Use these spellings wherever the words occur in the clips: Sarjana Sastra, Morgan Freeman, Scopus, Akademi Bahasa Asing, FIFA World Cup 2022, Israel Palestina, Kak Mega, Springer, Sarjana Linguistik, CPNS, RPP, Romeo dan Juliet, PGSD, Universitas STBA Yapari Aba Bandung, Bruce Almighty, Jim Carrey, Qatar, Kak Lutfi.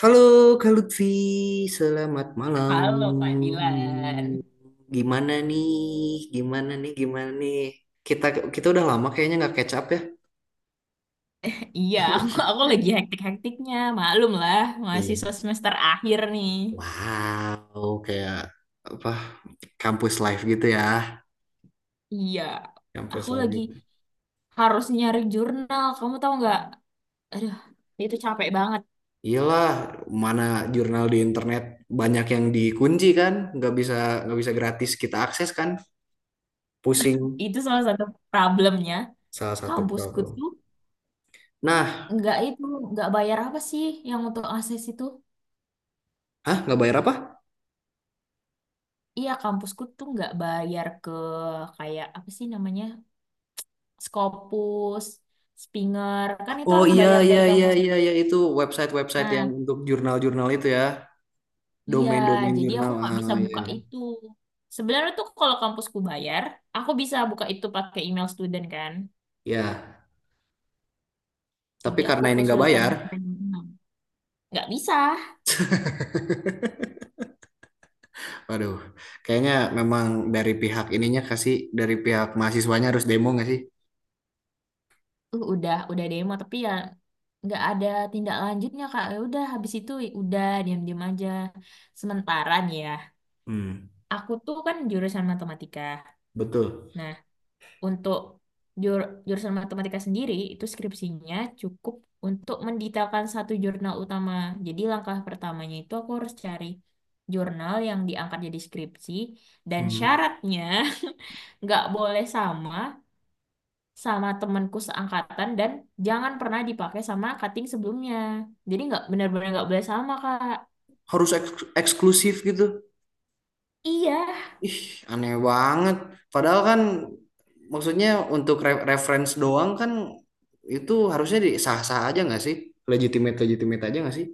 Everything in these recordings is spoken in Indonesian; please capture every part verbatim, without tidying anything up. Halo Kak Lutfi, selamat malam. Halo Pak Dilan. Gimana nih? Gimana nih? Gimana nih? Kita kita udah lama kayaknya nggak catch up ya. Iya, aku, aku lagi hektik-hektiknya. Maklum lah, Iya. mahasiswa semester akhir nih. Wow, kayak apa? Kampus life gitu ya. Iya, Kampus aku life lagi gitu. harus nyari jurnal. Kamu tahu nggak? Aduh, itu capek banget. Iyalah, mana jurnal di internet banyak yang dikunci kan? Nggak bisa nggak bisa gratis kita akses kan? Pusing. Itu salah satu problemnya. Salah satu Kampusku problem. tuh Nah, nggak itu, nggak bayar apa sih yang untuk akses itu? hah, nggak bayar apa? Iya, kampusku tuh nggak bayar ke kayak apa sih namanya? Scopus, Springer. Kan itu Oh, harus iya, bayar iya, dari iya, kampusnya. iya, iya, itu website-website yang Nah, untuk jurnal-jurnal itu ya, iya, domain-domain jadi aku jurnal. nggak bisa Ah, iya. buka Iya. itu. Sebenarnya tuh kalau kampusku bayar, aku bisa buka itu pakai email student kan. Ya, tapi Jadi aku karena ini nggak kesulitan bayar, mencari email. Nggak bisa. waduh, kayaknya memang dari pihak ininya kasih dari pihak mahasiswanya harus demo nggak sih? Uh, udah, udah demo tapi ya nggak ada tindak lanjutnya Kak. Ya udah habis itu ya udah diam-diam aja. Sementara nih ya, Hmm, aku tuh kan jurusan matematika. betul. Nah, untuk jur- jurusan matematika sendiri, itu skripsinya cukup untuk mendetailkan satu jurnal utama. Jadi langkah pertamanya itu aku harus cari jurnal yang diangkat jadi skripsi dan Hmm. syaratnya nggak boleh sama sama temanku seangkatan dan jangan pernah dipakai sama cutting sebelumnya. Jadi nggak benar-benar nggak boleh sama, Kak. Harus eks- eksklusif gitu. Iya, Ih, aneh banget. Padahal kan maksudnya untuk re- reference doang kan, itu harusnya di sah-sah aja nggak sih? Legitimate legitimate aja nggak sih?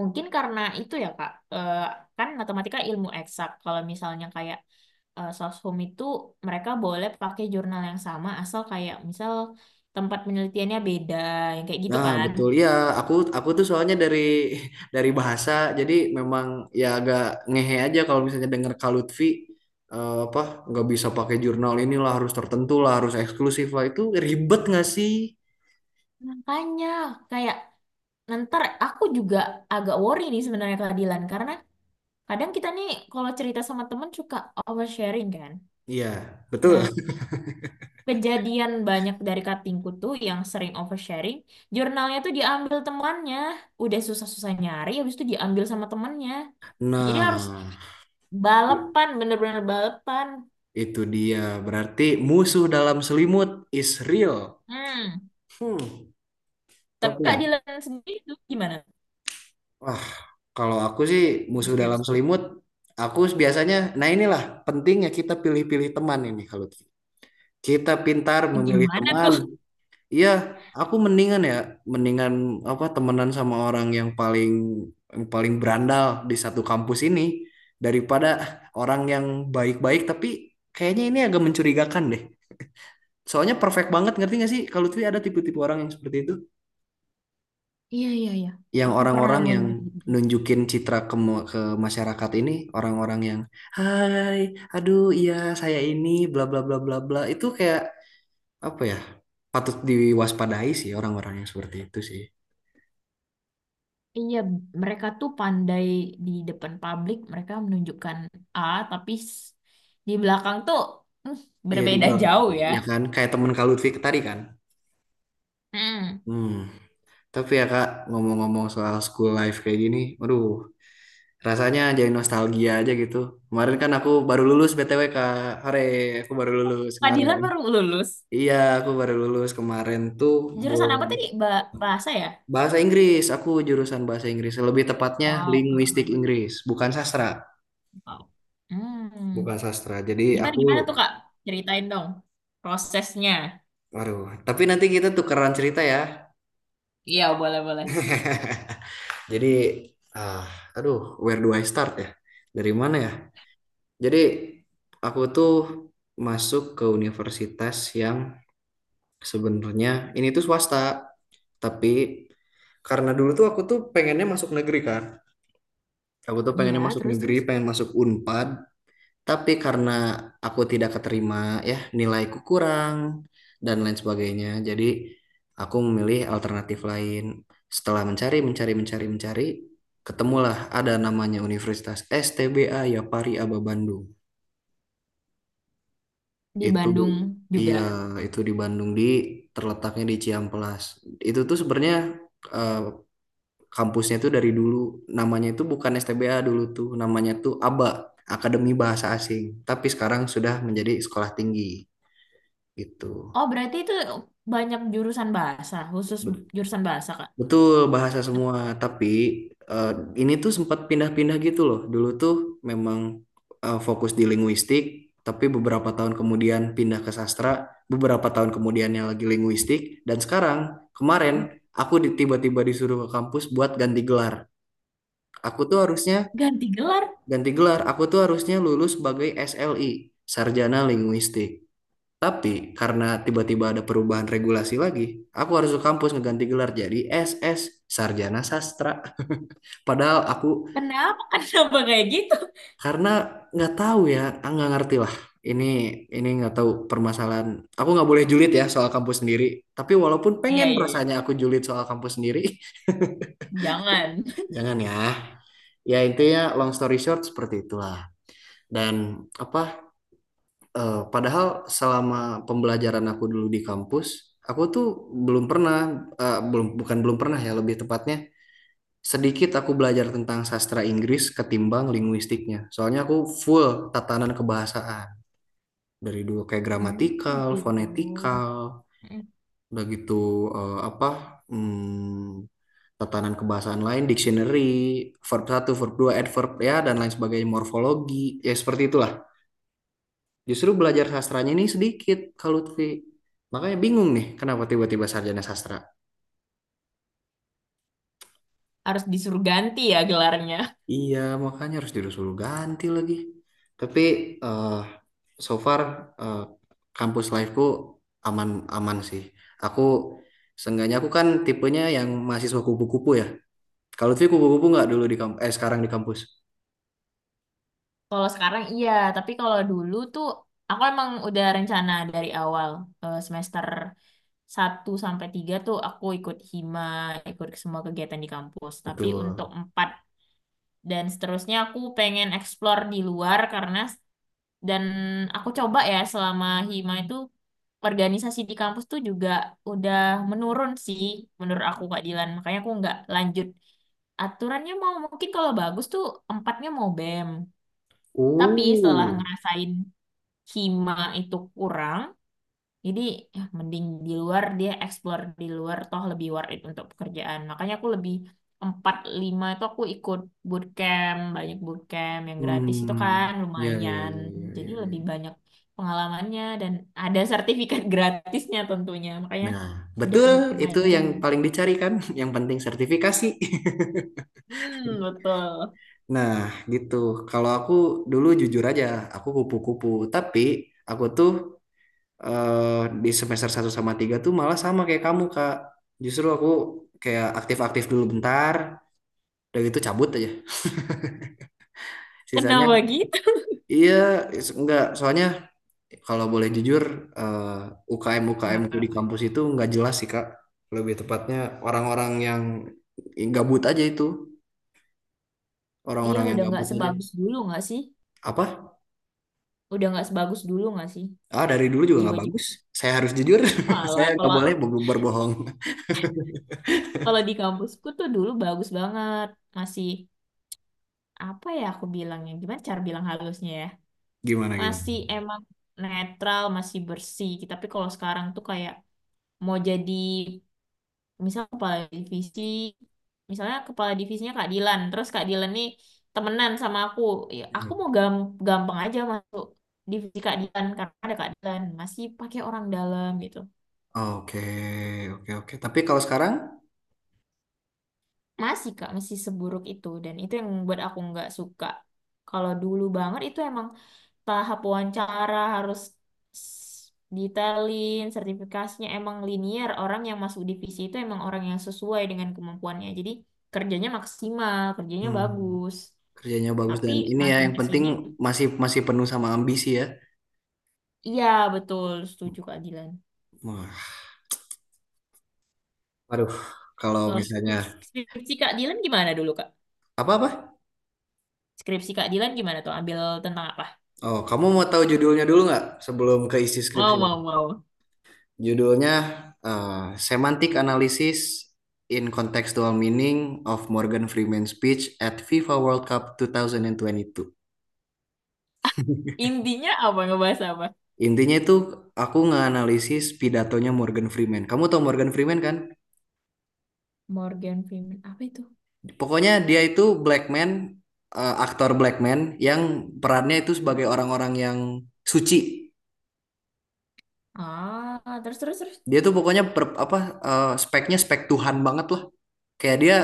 mungkin karena itu ya Kak. Eh, kan matematika ilmu eksak. Kalau misalnya kayak eh, soshum itu mereka boleh pakai jurnal yang sama asal kayak misal tempat penelitiannya beda, yang kayak gitu Nah, kan. betul ya. Aku aku tuh soalnya dari dari bahasa, jadi memang ya agak ngehe aja kalau misalnya denger Kak Lutfi, eh, apa nggak bisa pakai jurnal inilah, harus tertentu lah, harus eksklusif lah, itu ribet nggak sih? Makanya kayak ntar aku juga agak worry nih sebenarnya keadilan karena kadang kita nih kalau cerita sama temen suka oversharing kan. Iya, betul. Nah, kejadian banyak dari katingku tuh yang sering oversharing, jurnalnya tuh diambil temannya. Udah susah-susah nyari, habis itu diambil sama temannya. Jadi harus Nah, i- balapan, bener-bener balapan. itu dia, berarti musuh dalam selimut is real. Hmm. Hmm, Tapi tapi Kak ya, Dilan sendiri tuh gimana? wah, kalau aku sih Untuk musuh dalam skripsi. selimut, aku biasanya, nah, inilah pentingnya kita pilih-pilih teman ini kalau kita pintar memilih Gimana teman. tuh? Iya, aku mendingan ya, mendingan apa, temenan sama orang yang paling yang paling berandal di satu kampus ini daripada orang yang baik-baik tapi kayaknya ini agak mencurigakan deh. Soalnya perfect banget, ngerti gak sih kalau tuh ada tipe-tipe orang yang seperti itu, Iya, iya, iya. yang Aku pernah orang-orang nemuin yang kayak gitu. nunjukin citra ke ma- ke masyarakat ini, orang-orang yang hai, aduh iya saya ini bla bla bla bla bla. Itu kayak apa ya, patut diwaspadai sih orang-orang yang seperti itu sih. Iya, mereka tuh pandai di depan publik, mereka menunjukkan A, tapi s- di belakang tuh hmm, Ya di berbeda belak- jauh ya. ya kan kayak temen Kak Lutfi tadi kan. Hmm. hmm tapi ya Kak, ngomong-ngomong soal school life kayak gini, aduh, rasanya jadi nostalgia aja gitu. Kemarin kan aku baru lulus B T W Kak. Hore, aku baru lulus Kak kemarin. baru lulus. Iya, aku baru lulus kemarin tuh Jurusan bulan. apa tadi? Ba- bahasa ya? Bahasa Inggris, aku jurusan bahasa Inggris, lebih tepatnya Oh, linguistik keren. Inggris, bukan sastra. Wow. Hmm. Bukan sastra, jadi Gimana aku. gimana tuh, Kak? Ceritain dong prosesnya. Waduh, tapi nanti kita tukeran cerita ya. Iya, boleh-boleh. Jadi, ah, aduh, where do I start ya? Dari mana ya? Jadi, aku tuh masuk ke universitas yang sebenarnya ini tuh swasta, tapi karena dulu tuh aku tuh pengennya masuk negeri kan. Aku tuh Iya, pengennya masuk negeri, terus-terus. pengen masuk Unpad. Tapi karena aku tidak keterima, ya nilaiku kurang dan lain sebagainya, jadi aku memilih alternatif lain. Setelah mencari, mencari, mencari, mencari, ketemulah ada namanya Universitas S T B A Yapari Aba Bandung. Di Itu Bandung juga. iya, itu di Bandung, di terletaknya di Ciamplas. Itu tuh sebenarnya, eh, kampusnya tuh dari dulu namanya itu bukan S T B A, dulu tuh namanya tuh aba. Akademi Bahasa Asing, tapi sekarang sudah menjadi sekolah tinggi. Gitu. Oh, berarti itu banyak jurusan bahasa, khusus Bet- jurusan bahasa, Kak. Betul bahasa semua, tapi eh, ini tuh sempat pindah-pindah gitu loh. Dulu tuh memang, eh, fokus di linguistik, tapi beberapa tahun kemudian pindah ke sastra, beberapa tahun kemudiannya lagi linguistik, dan sekarang Hmm. kemarin aku di- tiba-tiba disuruh ke kampus buat ganti gelar. Aku tuh harusnya Ganti gelar. ganti gelar, aku tuh harusnya lulus sebagai S L I, Sarjana Linguistik. Tapi karena tiba-tiba ada perubahan regulasi lagi, aku harus ke kampus ngeganti gelar jadi S S, Sarjana Sastra. Padahal aku, Kenapa? Kenapa kayak gitu? karena nggak tahu ya, ah, nggak ngerti lah. Ini ini nggak tahu permasalahan. Aku nggak boleh julid ya soal kampus sendiri. Tapi walaupun Iya, pengen iya, iya. rasanya aku julid soal kampus sendiri, Jangan. jangan ya. Ya intinya long story short seperti itulah. Dan apa, Eh, padahal selama pembelajaran aku dulu di kampus, aku tuh belum pernah, eh, belum, bukan belum pernah ya, lebih tepatnya sedikit aku belajar tentang sastra Inggris ketimbang linguistiknya. Soalnya aku full tatanan kebahasaan dari dulu kayak Hmm, gramatikal, gitu. fonetikal, Hmm. udah gitu, eh, apa, hmm, tatanan kebahasaan lain, dictionary, verb satu, verb dua, adverb ya dan lain sebagainya, morfologi, ya seperti itulah. Justru belajar sastranya ini sedikit kalau Lutfi. Makanya bingung nih kenapa tiba-tiba sarjana sastra. Harus disuruh ganti ya gelarnya. Iya, makanya harus disuruh ganti lagi. Tapi eh so far, eh, kampus life-ku aman-aman sih. Aku Seenggaknya aku kan tipenya yang mahasiswa kupu-kupu ya. Kalau Lutfi kupu-kupu nggak, dulu di kampus, eh sekarang di kampus. Kalau sekarang iya, tapi kalau dulu tuh aku emang udah rencana dari awal eh, semester satu sampai tiga tuh aku ikut hima, ikut semua kegiatan di kampus. Tapi untuk Betul. empat dan seterusnya aku pengen explore di luar karena dan aku coba ya selama hima itu organisasi di kampus tuh juga udah menurun sih menurut aku Kak Dilan. Makanya aku nggak lanjut. Aturannya mau mungkin kalau bagus tuh empatnya mau BEM. Tapi setelah Oh. ngerasain hima itu kurang, jadi ya, mending di luar dia explore di luar toh lebih worth it untuk pekerjaan. Makanya aku lebih empat lima itu aku ikut bootcamp, banyak bootcamp yang gratis itu kan Hmm. Ya, ya, lumayan. ya, ya, Jadi ya. lebih Ya. banyak pengalamannya dan ada sertifikat gratisnya tentunya. Makanya Nah, udah betul, bootcamp itu aja. yang paling dicari kan, yang penting sertifikasi. Hmm, betul. Nah, gitu. Kalau aku dulu jujur aja, aku kupu-kupu. Tapi aku tuh, eh, di semester satu sama tiga tuh malah sama kayak kamu, Kak. Justru aku kayak aktif-aktif dulu bentar, udah gitu cabut aja. Kenapa Sisanya, gitu? iya, is- enggak. Soalnya kalau boleh jujur, U K M-U K M ku Kenapa? di kampus itu nggak jelas sih, Kak. Lebih tepatnya orang-orang yang gabut aja itu. Iya, Orang-orang yang udah nggak gabut aja. sebagus dulu nggak sih? Apa? Udah nggak sebagus dulu nggak sih? Ah, dari dulu juga nggak Jiwa-jiwa. bagus. Saya harus jujur. Saya Malah nggak kalau boleh ber- berbohong. kalau di kampusku tuh dulu bagus banget. Masih apa ya aku bilangnya? Gimana cara bilang halusnya ya? Gimana gimana? Masih emang netral, masih bersih. Tapi kalau sekarang tuh kayak mau jadi misal kepala divisi, misalnya kepala divisinya Kak Dilan, terus Kak Dilan nih temenan sama aku. Ya, Hmm. aku mau gam gampang aja masuk divisi Kak Dilan karena ada Kak Dilan, masih pakai orang dalam gitu. Oke, oke, oke. Tapi kalau sekarang, Masih Kak, masih seburuk itu dan itu yang buat aku nggak suka. Kalau dulu banget itu emang tahap wawancara harus s- detailin, sertifikasinya emang linear. Orang yang masuk divisi itu emang orang yang sesuai dengan kemampuannya. Jadi kerjanya maksimal, kerjanya hmm, bagus. kerjanya bagus Tapi dan ini ya makin yang ke penting sini, masih masih penuh sama ambisi ya. iya betul, setuju Kak Dilan. Wah, aduh. Kalau Kalau misalnya skripsi, skripsi Kak Dilan gimana dulu Kak? apa-apa? Skripsi Kak Dilan gimana tuh? Ambil tentang apa? Oh, kamu mau tahu judulnya dulu nggak sebelum ke isi skripsi? Mau, mau, mau. Judulnya uh, Semantic Analysis in Contextual Meaning of Morgan Freeman's Speech at FIFA World Cup dua ribu dua puluh dua. Intinya apa? Ngebahas apa? Intinya itu aku nganalisis pidatonya Morgan Freeman. Kamu tau Morgan Freeman kan? Morgan Freeman apa itu? Pokoknya dia itu black man, eh, aktor black man yang perannya itu sebagai orang-orang yang suci. Ah, terus terus terus. Dia tuh pokoknya per- apa, eh, speknya spek Tuhan banget lah. Kayak dia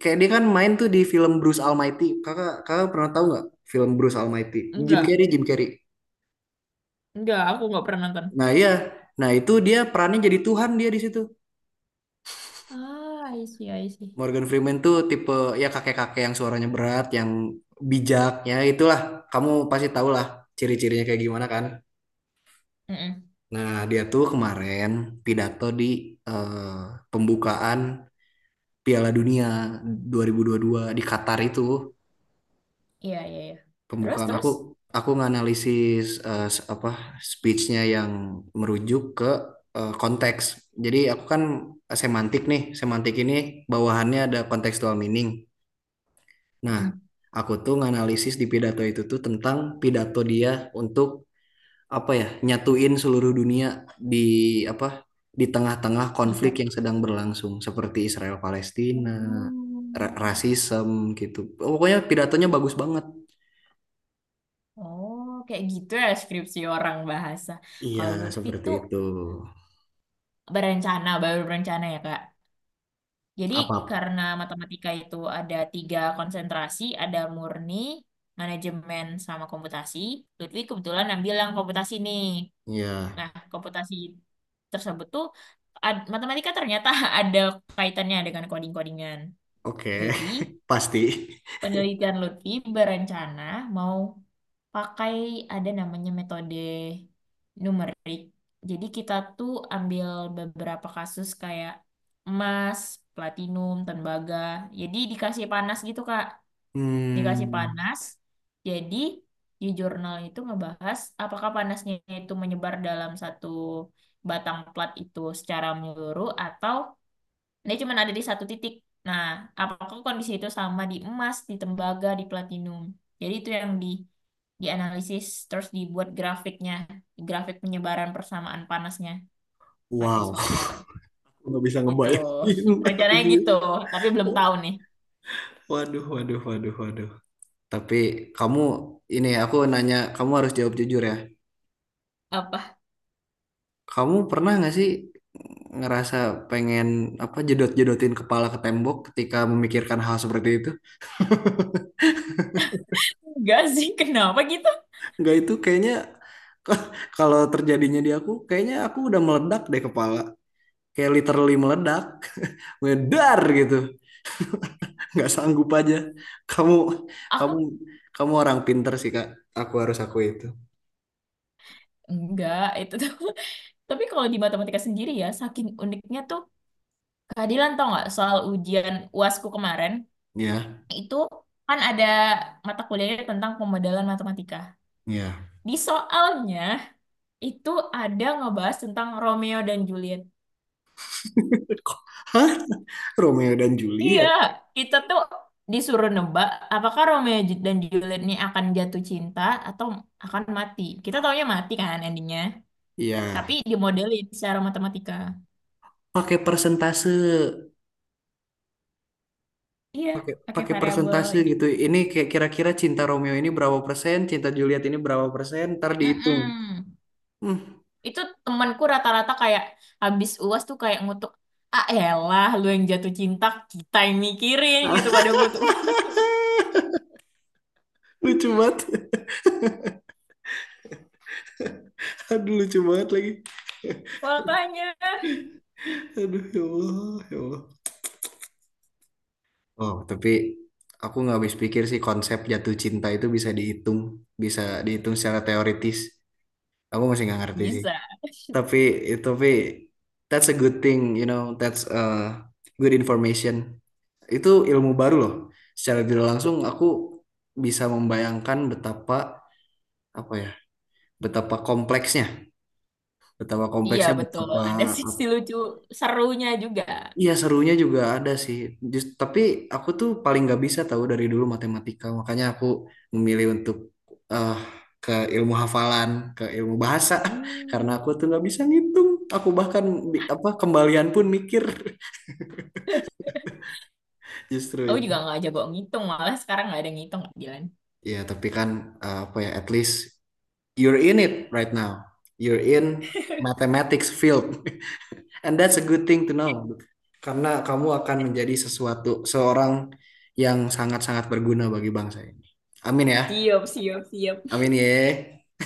kayak dia kan main tuh di film Bruce Almighty. Kakak kakak pernah tahu nggak film Bruce Almighty? Jim Enggak, Carrey, Jim Carrey. enggak, aku nggak pernah nonton. Nah iya, nah itu dia perannya jadi Tuhan dia di situ. Ah, I see, I see. Morgan Freeman tuh tipe ya kakek-kakek yang suaranya berat, yang bijaknya itulah. Kamu pasti tahu lah ciri-cirinya kayak gimana kan. Mm-mm. Nah dia tuh kemarin pidato di, eh, pembukaan Piala Dunia dua dua ribu dua puluh dua di Qatar itu. Iya, iya, iya. Terus Pembukaan terus. aku aku nganalisis, eh, s- apa, speechnya yang merujuk ke, eh, konteks. Jadi aku kan semantik nih, semantik ini bawahannya ada contextual meaning. Nah, Mm. aku tuh nganalisis di pidato itu tuh tentang pidato dia untuk apa ya, nyatuin seluruh dunia di apa, di tengah-tengah konflik Dikat- yang sedang berlangsung seperti Israel Palestina, ra- Oh, rasisme gitu. Pokoknya pidatonya bagus banget. oh, kayak gitu ya skripsi orang bahasa. Iya, Kalau Lutfi seperti tuh itu. berencana, baru berencana ya, Kak. Jadi Apa? karena matematika itu ada tiga konsentrasi, ada murni, manajemen, sama komputasi. Lutfi kebetulan ambil yang komputasi nih. Ya, Nah, komputasi tersebut tuh ad- matematika ternyata ada kaitannya dengan coding-codingan. oke. Jadi, Pasti. penelitian Lutfi berencana mau pakai ada namanya metode numerik. Jadi, kita tuh ambil beberapa kasus kayak emas, platinum, tembaga. Jadi, dikasih panas gitu, Kak, dikasih Hmm, panas. Jadi di jurnal itu ngebahas apakah panasnya itu menyebar dalam satu batang plat itu secara menyeluruh atau dia cuma ada di satu titik. Nah, apakah kondisi itu sama di emas, di tembaga, di platinum? Jadi itu yang di dianalisis terus dibuat grafiknya, grafik penyebaran persamaan panasnya pakai wow. software. Nggak bisa Gitu. ngebayangin. Rencananya gitu, tapi belum tahu nih. Waduh, waduh, waduh, waduh. Tapi kamu, ini aku nanya, kamu harus jawab jujur ya. Apa? Kamu pernah nggak sih ngerasa pengen apa, jedot-jedotin kepala ke tembok ketika memikirkan hal seperti itu? Enggak sih, kenapa gitu? Nggak, itu kayaknya kalau terjadinya di aku, kayaknya aku udah meledak deh kepala. Kayak literally meledak, medar gitu. Nggak sanggup aja. Kamu, kamu, Aku kamu orang pinter sih Kak. Aku harus aku itu. Enggak, itu tuh. Tapi kalau di matematika sendiri ya, saking uniknya tuh keadilan tau nggak soal ujian u a s ku kemarin Ya, itu kan ada mata kuliahnya tentang pemodelan matematika. ya. Di soalnya itu ada ngebahas tentang Romeo dan Juliet. Hah? Romeo dan Iya, Juliet. kita tuh disuruh nebak apakah Romeo ju- dan Juliet ini akan jatuh cinta atau akan mati. Kita taunya mati kan endingnya, tapi Ya, dimodelin secara matematika. pakai persentase, Iya, pakai pakai pakai variabel persentase kayak gitu. gitu. Ini kayak kira-kira cinta Romeo ini berapa persen, cinta Juliet ini berapa persen, ntar dihitung. Mm-mm. Hmm. Itu temanku rata-rata kayak habis u a s tuh kayak ngutuk, ah elah lu yang jatuh cinta, kita yang mikirin gitu pada ngutuk. Lucu banget. Aduh, lucu banget lagi. Makanya Aduh, ya Allah, ya Allah. Oh, tapi aku nggak habis pikir sih konsep jatuh cinta itu bisa dihitung, bisa dihitung secara teoritis. Aku masih nggak ngerti sih. bisa. Tapi tapi that's a good thing, you know, that's a good information. Itu ilmu baru loh. Secara tidak langsung aku bisa membayangkan betapa apa ya, betapa kompleksnya, betapa Iya kompleksnya, betul, betapa. ada sisi lucu serunya juga. Iya serunya juga ada sih. Just, tapi aku tuh paling nggak bisa tahu dari dulu matematika. Makanya aku memilih untuk, eh ke ilmu hafalan, ke ilmu bahasa. Karena Hmm. aku tuh nggak bisa ngitung. Aku bahkan, bi- apa, kembalian pun mikir justru Aku juga itu. nggak jago ngitung, malah sekarang nggak ada ngitung, Kak Dilan. Iya tapi kan, eh, apa ya? At least you're in it right now. You're in mathematics field. And that's a good thing to know. Karena kamu akan menjadi sesuatu seorang yang sangat-sangat berguna bagi bangsa ini. Amin ya. Siap, siap, siap. Amin ya.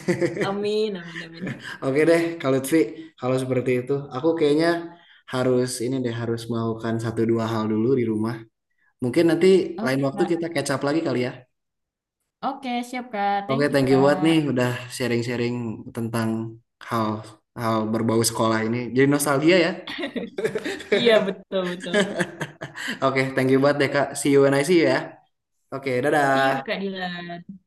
Amin, amin, amin. Oke deh, kalau Lutfi, kalau seperti itu, aku kayaknya harus ini deh, harus melakukan satu dua hal dulu di rumah. Mungkin nanti lain Oke, waktu kita Kak. catch up lagi kali ya. Oke, siap, Kak. Oke, Thank you, thank you buat nih Kak. udah sharing-sharing tentang hal hal berbau sekolah ini. Jadi nostalgia ya. Iya, betul, betul. Oke, thank you buat deh Kak. See you when I see you ya. Oke, See you, dadah. Kak Dilan.